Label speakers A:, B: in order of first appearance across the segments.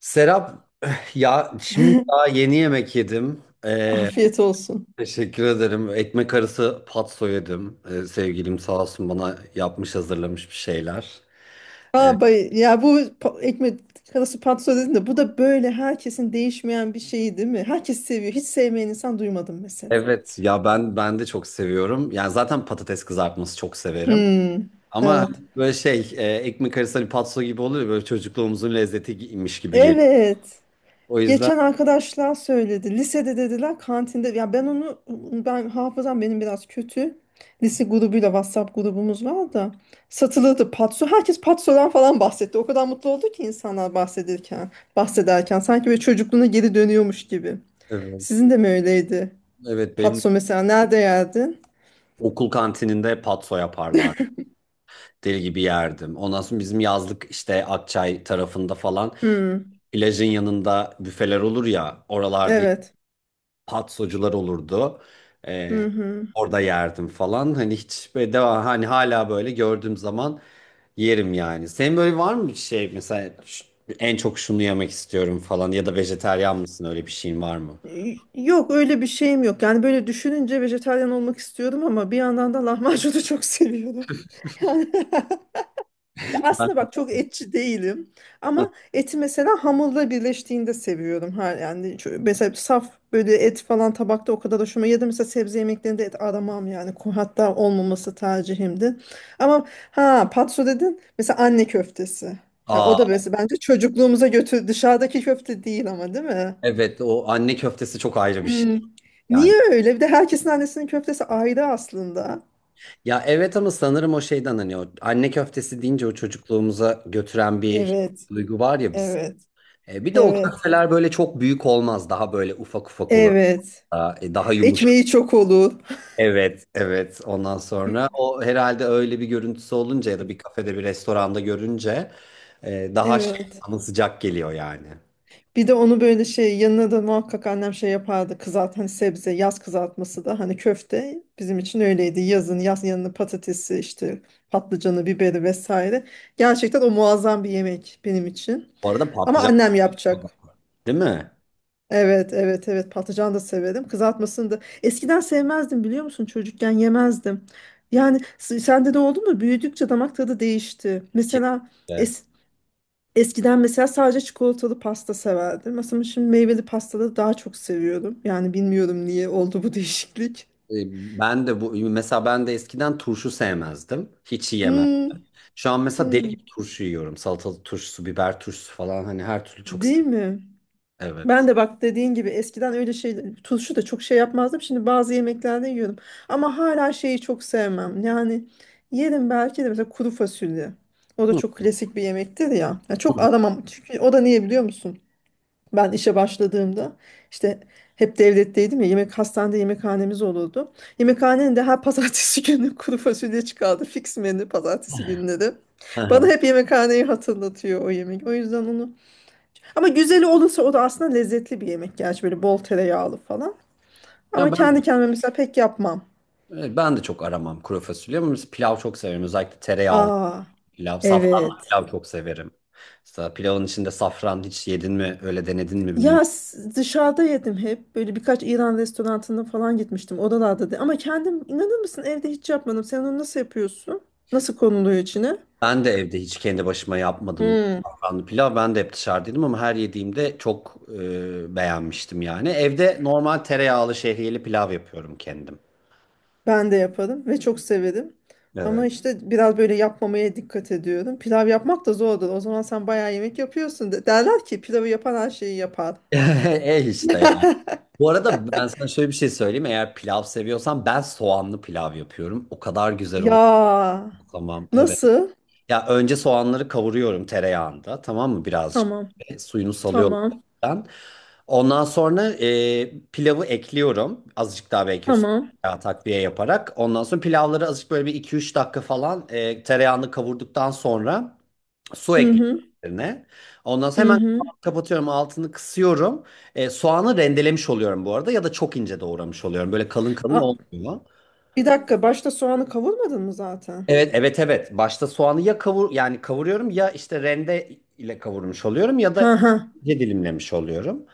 A: Serap, ya şimdi daha yeni yemek yedim.
B: Afiyet olsun.
A: Teşekkür ederim. Ekmek arası patso yedim. Sevgilim sağ olsun bana yapmış hazırlamış bir şeyler.
B: Aa, bay ya bu ekmek arası patso dedim de bu da böyle herkesin değişmeyen bir şeyi değil mi? Herkes seviyor. Hiç sevmeyen insan duymadım mesela.
A: Evet ya ben de çok seviyorum. Yani zaten patates kızartması çok severim.
B: Hmm,
A: Ama
B: evet.
A: böyle ekmek arası hani patso gibi oluyor ya, böyle çocukluğumuzun lezzetiymiş gibi geliyor.
B: Evet.
A: O yüzden
B: Geçen arkadaşlar söyledi. Lisede dediler kantinde. Ya ben onu ben hafızam benim biraz kötü. Lise grubuyla WhatsApp grubumuz var da satılırdı patso. Herkes patsodan falan bahsetti. O kadar mutlu oldu ki insanlar bahsederken, bahsederken sanki böyle çocukluğuna geri dönüyormuş gibi.
A: evet,
B: Sizin de mi öyleydi?
A: evet benim
B: Patso mesela nerede yerdin?
A: okul kantininde patso yaparlar. Deli gibi yerdim. Ondan sonra bizim yazlık işte Akçay tarafında falan
B: Hmm,
A: plajın yanında büfeler olur ya oralarda
B: evet.
A: patsocular olurdu.
B: Hı
A: Ee,
B: hı.
A: orada yerdim falan. Hani hiç böyle devam hani hala böyle gördüğüm zaman yerim yani. Senin böyle var mı bir şey mesela en çok şunu yemek istiyorum falan ya da vejeteryan mısın öyle bir şeyin var mı?
B: Yok öyle bir şeyim yok. Yani böyle düşününce vejetaryen olmak istiyordum ama bir yandan da lahmacunu çok seviyorum. Yani ya aslında
A: Ben.
B: bak çok etçi değilim ama eti mesela hamurla birleştiğinde seviyorum. Ha, yani mesela saf böyle et falan tabakta o kadar hoşuma ya da mesela sebze yemeklerinde et aramam yani hatta olmaması tercihimdi. Ama ha patso dedin mesela anne köftesi. Ya
A: Aa,
B: o da mesela bence çocukluğumuza götür dışarıdaki köfte değil ama değil mi?
A: evet o anne köftesi çok ayrı bir şey
B: Hmm. Niye
A: yani.
B: öyle? Bir de herkesin annesinin köftesi ayrı aslında.
A: Ya evet ama sanırım o şeyden hani o anne köftesi deyince o çocukluğumuza götüren bir
B: Evet,
A: duygu var ya biz.
B: evet,
A: E, bir de o
B: evet,
A: köfteler böyle çok büyük olmaz. Daha böyle ufak ufak olur.
B: evet.
A: Daha, daha yumuşak.
B: Ekmeği çok olur.
A: Evet, evet. Ondan sonra o herhalde öyle bir görüntüsü olunca ya da bir kafede bir restoranda görünce daha şey,
B: Evet.
A: sana sıcak geliyor yani.
B: Bir de onu böyle şey yanına da muhakkak annem şey yapardı kızart hani sebze yaz kızartması da hani köfte bizim için öyleydi yazın yaz yanına patatesi işte patlıcanı biberi vesaire gerçekten o muazzam bir yemek benim için
A: Bu arada
B: ama
A: patlıcan,
B: annem yapacak
A: değil mi?
B: evet evet evet patlıcan da severim kızartmasını da eskiden sevmezdim biliyor musun çocukken yemezdim yani sende de oldu mu büyüdükçe damak tadı değişti mesela
A: Kesinlikle.
B: es eskiden mesela sadece çikolatalı pasta severdim. Mesela şimdi meyveli pastaları daha çok seviyorum. Yani bilmiyorum niye oldu bu değişiklik.
A: E, Ben de bu mesela ben de eskiden turşu sevmezdim. Hiç yiyemem.
B: Hmm,
A: Şu an mesela deli
B: hmm.
A: gibi turşu yiyorum. Salatalık turşusu, biber turşusu falan hani her türlü çok
B: Değil
A: seviyorum.
B: mi?
A: Evet.
B: Ben de bak dediğin gibi eskiden öyle şey turşu da çok şey yapmazdım. Şimdi bazı yemeklerde yiyorum. Ama hala şeyi çok sevmem. Yani yerim belki de mesela kuru fasulye. O da
A: Hı.
B: çok klasik bir yemektir ya. Ya
A: Hı
B: çok
A: hı.
B: aramam. Çünkü o da niye biliyor musun? Ben işe başladığımda işte hep devletteydim ya yemek hastanede yemekhanemiz olurdu. Yemekhanenin de her pazartesi günü kuru fasulye çıkardı. Fix menü pazartesi günleri.
A: Hı
B: Bana
A: hı.
B: hep yemekhaneyi hatırlatıyor o yemek. O yüzden onu. Ama güzeli olursa o da aslında lezzetli bir yemek. Gerçi böyle bol tereyağlı falan.
A: Ya
B: Ama
A: ben.
B: kendi kendime mesela pek yapmam.
A: Evet, ben de çok aramam kuru fasulye ama biz pilav çok severim. Özellikle tereyağlı
B: Aa,
A: pilav, safranlı
B: evet.
A: pilav çok severim. Mesela pilavın içinde safran hiç yedin mi, öyle denedin mi
B: Ya
A: bilmiyorum.
B: dışarıda yedim hep. Böyle birkaç İran restoranına falan gitmiştim. Oralarda da. Ama kendim inanır mısın evde hiç yapmadım. Sen onu nasıl yapıyorsun? Nasıl konuluyor içine?
A: Ben de evde hiç kendi başıma yapmadım
B: Hmm,
A: safranlı pilav. Ben de hep dışarıdaydım ama her yediğimde çok beğenmiştim yani. Evde normal tereyağlı şehriyeli pilav yapıyorum kendim.
B: ben de yaparım ve çok severim. Ama
A: Evet.
B: işte biraz böyle yapmamaya dikkat ediyorum. Pilav yapmak da zordur. O zaman sen bayağı yemek yapıyorsun. De. Derler ki pilavı yapan her şeyi yapar.
A: E işte yani. Bu arada ben sana şöyle bir şey söyleyeyim. Eğer pilav seviyorsan ben soğanlı pilav yapıyorum. O kadar güzel oluyor.
B: Ya
A: Tamam. Evet.
B: nasıl?
A: Ya önce soğanları kavuruyorum tereyağında, tamam mı, birazcık.
B: Tamam,
A: Suyunu salıyorum
B: tamam,
A: ben. Ondan sonra pilavı ekliyorum azıcık daha belki üstüne
B: tamam.
A: tereyağı takviye yaparak. Ondan sonra pilavları azıcık böyle bir iki üç dakika falan tereyağını kavurduktan sonra su
B: Hı
A: ekliyorum
B: hı,
A: üzerine. Ondan sonra
B: hı
A: hemen
B: hı.
A: kapatıyorum, altını kısıyorum. Soğanı rendelemiş oluyorum bu arada ya da çok ince doğramış oluyorum. Böyle kalın kalın
B: Aa,
A: olmuyor.
B: bir dakika başta soğanı kavurmadın mı zaten?
A: Evet evet evet. Başta soğanı ya kavur yani kavuruyorum ya işte rende ile kavurmuş oluyorum ya
B: Ha
A: da
B: ha.
A: ince dilimlemiş oluyorum.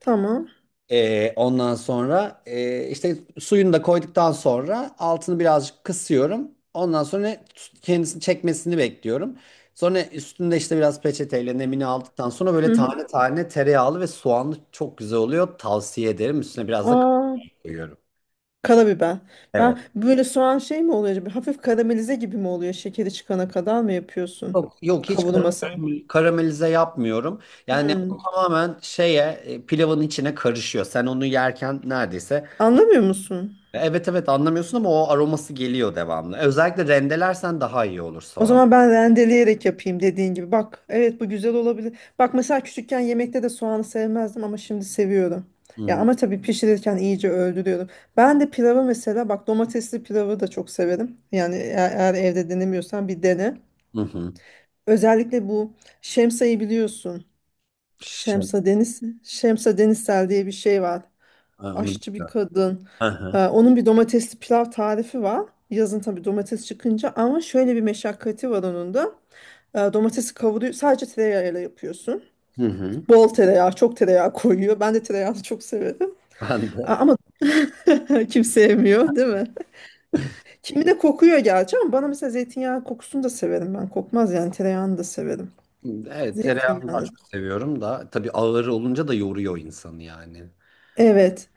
B: Tamam.
A: Ondan sonra işte suyunu da koyduktan sonra altını birazcık kısıyorum. Ondan sonra kendisini çekmesini bekliyorum. Sonra üstünde işte biraz peçeteyle nemini aldıktan sonra böyle
B: Hı hı.
A: tane tane tereyağlı ve soğanlı çok güzel oluyor. Tavsiye ederim. Üstüne biraz da kaşar
B: Aa,
A: koyuyorum.
B: karabiber. Ben
A: Evet.
B: böyle soğan şey mi oluyor acaba? Hafif karamelize gibi mi oluyor? Şekeri çıkana kadar mı yapıyorsun?
A: Yok, yok hiç
B: Kavurmasını.
A: karamelize yapmıyorum. Yani o
B: Hmm.
A: tamamen pilavın içine karışıyor. Sen onu yerken neredeyse
B: Anlamıyor musun?
A: evet evet anlamıyorsun ama o aroması geliyor devamlı. Özellikle rendelersen daha iyi olur
B: O
A: soğan.
B: zaman ben rendeleyerek yapayım dediğin gibi. Bak, evet bu güzel olabilir. Bak mesela küçükken yemekte de soğanı sevmezdim ama şimdi seviyorum.
A: Hı
B: Ya
A: hı.
B: ama tabii pişirirken iyice öldürüyorum. Ben de pilavı mesela bak domatesli pilavı da çok severim. Yani eğer evde denemiyorsan bir dene.
A: Hı hı.
B: Özellikle bu Şemsa'yı biliyorsun.
A: Şey,
B: Şemsa Deniz, Şemsa Denizsel diye bir şey var.
A: ha, onu
B: Aşçı bir
A: bilmiyorum.
B: kadın.
A: Hı hı.
B: Onun bir domatesli pilav tarifi var. Yazın tabii domates çıkınca ama şöyle bir meşakkati var onun da. Domatesi kavuruyor. Sadece tereyağıyla yapıyorsun.
A: Hı hı.
B: Bol tereyağı, çok tereyağı koyuyor. Ben de tereyağını çok severim.
A: Ben de
B: Ama kim sevmiyor, değil mi? Kimine kokuyor gerçi ama bana mesela zeytinyağı kokusunu da severim ben. Kokmaz yani tereyağını da severim.
A: evet, tereyağını daha
B: Zeytinyağını
A: çok seviyorum da tabii ağır olunca da yoruyor insanı yani.
B: evet.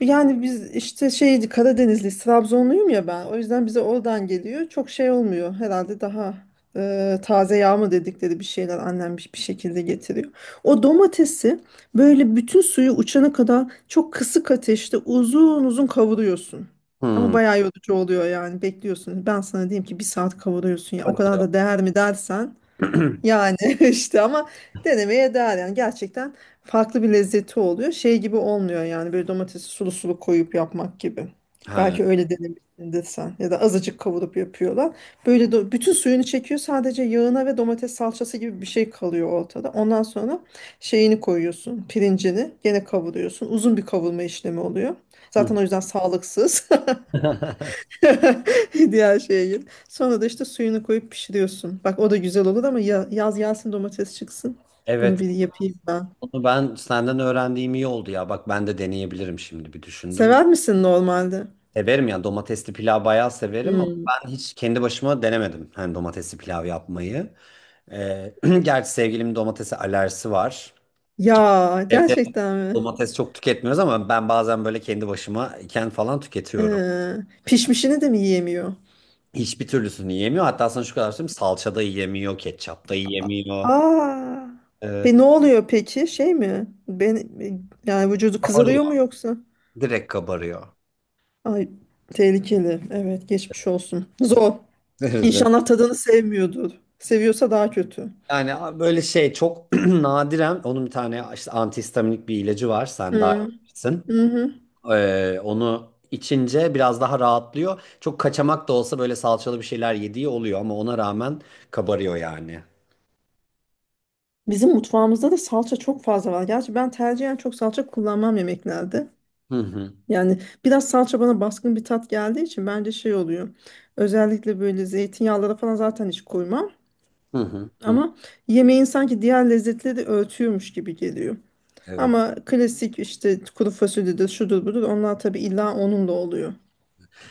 B: Yani biz işte şeydi Karadenizli, Trabzonluyum ya ben. O yüzden bize oradan geliyor. Çok şey olmuyor. Herhalde daha taze yağ mı dedikleri bir şeyler annem bir şekilde getiriyor. O domatesi böyle bütün suyu uçana kadar çok kısık ateşte uzun uzun kavuruyorsun. Ama
A: Hı.
B: bayağı yorucu oluyor yani bekliyorsun. Ben sana diyeyim ki bir saat kavuruyorsun ya. O
A: Hadi ya.
B: kadar da değer mi dersen yani işte ama denemeye değer yani gerçekten farklı bir lezzeti oluyor. Şey gibi olmuyor yani böyle domatesi sulu sulu koyup yapmak gibi.
A: Ha.
B: Belki öyle denemişsindir sen ya da azıcık kavurup yapıyorlar. Böyle bütün suyunu çekiyor sadece yağına ve domates salçası gibi bir şey kalıyor ortada. Ondan sonra şeyini koyuyorsun pirincini gene kavuruyorsun. Uzun bir kavurma işlemi oluyor. Zaten
A: Hı.
B: o yüzden sağlıksız. Diğer şeye gir. Sonra da işte suyunu koyup pişiriyorsun. Bak o da güzel olur ama ya, yaz gelsin domates çıksın. Bunu
A: Evet.
B: bir yapayım ben.
A: Onu ben senden öğrendiğim iyi oldu ya. Bak ben de deneyebilirim, şimdi bir düşündüm.
B: Sever misin normalde?
A: Severim ya, domatesli pilav bayağı severim ama
B: Hmm.
A: ben hiç kendi başıma denemedim. Hani domatesli pilav yapmayı. Ee, gerçi sevgilimin domatese alerjisi var.
B: Ya
A: Evde
B: gerçekten mi?
A: domates çok tüketmiyoruz ama ben bazen böyle kendi başıma iken falan tüketiyorum.
B: Ee, Pişmişini de mi yiyemiyor?
A: Hiçbir türlüsünü yiyemiyor. Hatta sana şu kadar söyleyeyim, salça da yiyemiyor, ketçap da
B: A-
A: yiyemiyor.
B: Aa. Pe ne
A: Evet.
B: oluyor peki? Şey mi? Ben yani vücudu
A: Kabarıyor.
B: kızarıyor mu yoksa?
A: Direkt kabarıyor.
B: Ay tehlikeli. Evet geçmiş olsun. Zor. İnşallah tadını sevmiyordur. Seviyorsa daha kötü.
A: Yani böyle şey çok nadiren onun bir tane işte antihistaminik bir ilacı var. Sen daha iyi
B: Hı.
A: bilirsin.
B: Hı hı.
A: Onu içince biraz daha rahatlıyor. Çok kaçamak da olsa böyle salçalı bir şeyler yediği oluyor ama ona rağmen kabarıyor yani.
B: Bizim mutfağımızda da salça çok fazla var. Gerçi ben tercihen çok salça kullanmam yemeklerde.
A: Hı hı.
B: Yani biraz salça bana baskın bir tat geldiği için bence şey oluyor. Özellikle böyle zeytinyağları falan zaten hiç koymam.
A: Hı hı. Hı.
B: Ama yemeğin sanki diğer lezzetleri örtüyormuş gibi geliyor.
A: Evet.
B: Ama klasik işte kuru fasulyedir, şudur budur onlar tabii illa onunla oluyor.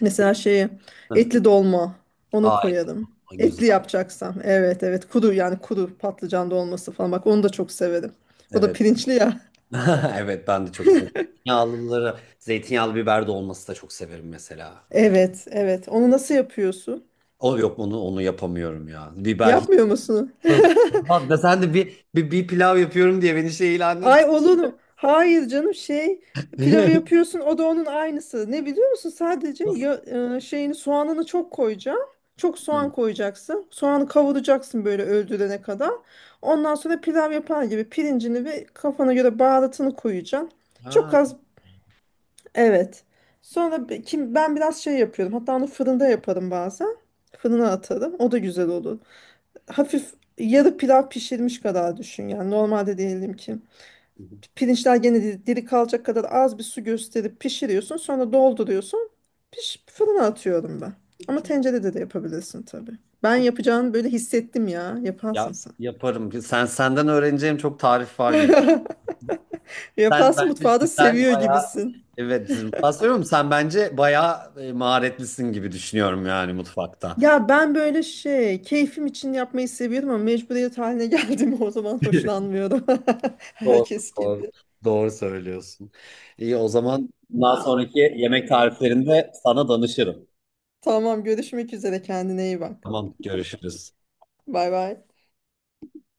B: Mesela şeye
A: Hı.
B: etli dolma ona
A: Aa, et
B: koyarım.
A: güzel.
B: Etli yapacaksam evet evet kuru yani kuru patlıcan dolması falan bak onu da çok severim. O da
A: Evet.
B: pirinçli ya.
A: Evet ben de çok seviyorum. Zeytinyağlıları, zeytinyağlı biber de olması da çok severim mesela. Hani,
B: Evet, evet. Onu nasıl yapıyorsun?
A: o yok, onu yapamıyorum ya. Biber.
B: Yapmıyor musun?
A: Yok. Bak da sen de bir pilav yapıyorum diye beni şey ilan
B: Ay
A: ettin.
B: olunu. Hayır canım şey pilavı yapıyorsun o da onun aynısı. Ne biliyor musun? Sadece
A: Nasıl?
B: şeyini soğanını çok koyacaksın. Çok soğan koyacaksın. Soğanı kavuracaksın böyle öldürene kadar. Ondan sonra pilav yapar gibi pirincini ve kafana göre baharatını koyacaksın. Çok
A: Ha.
B: az evet. Sonra kim ben biraz şey yapıyorum. Hatta onu fırında yaparım bazen. Fırına atarım. O da güzel olur. Hafif yarı pilav pişirmiş kadar düşün yani normalde diyelim ki pirinçler gene diri kalacak kadar az bir su gösterip pişiriyorsun sonra dolduruyorsun piş fırına atıyorum ben ama
A: Çok
B: tencerede de yapabilirsin tabii ben
A: çok
B: yapacağını böyle hissettim ya
A: ya,
B: yaparsın sen
A: yaparım. Senden öğreneceğim çok tarif var gibi. Sen
B: yaparsın
A: bence
B: mutfağı da
A: güzel
B: seviyor
A: bayağı,
B: gibisin
A: evet, mutfağı söylüyorum. Sen bence bayağı maharetlisin gibi düşünüyorum yani mutfakta.
B: ya ben böyle şey keyfim için yapmayı seviyorum ama mecburiyet haline geldim o zaman hoşlanmıyorum
A: Doğru,
B: herkes
A: doğru.
B: gibi
A: Doğru söylüyorsun. İyi, o zaman bundan sonraki yemek tariflerinde sana danışırım.
B: tamam görüşmek üzere kendine iyi bak
A: Tamam, görüşürüz.
B: bay bay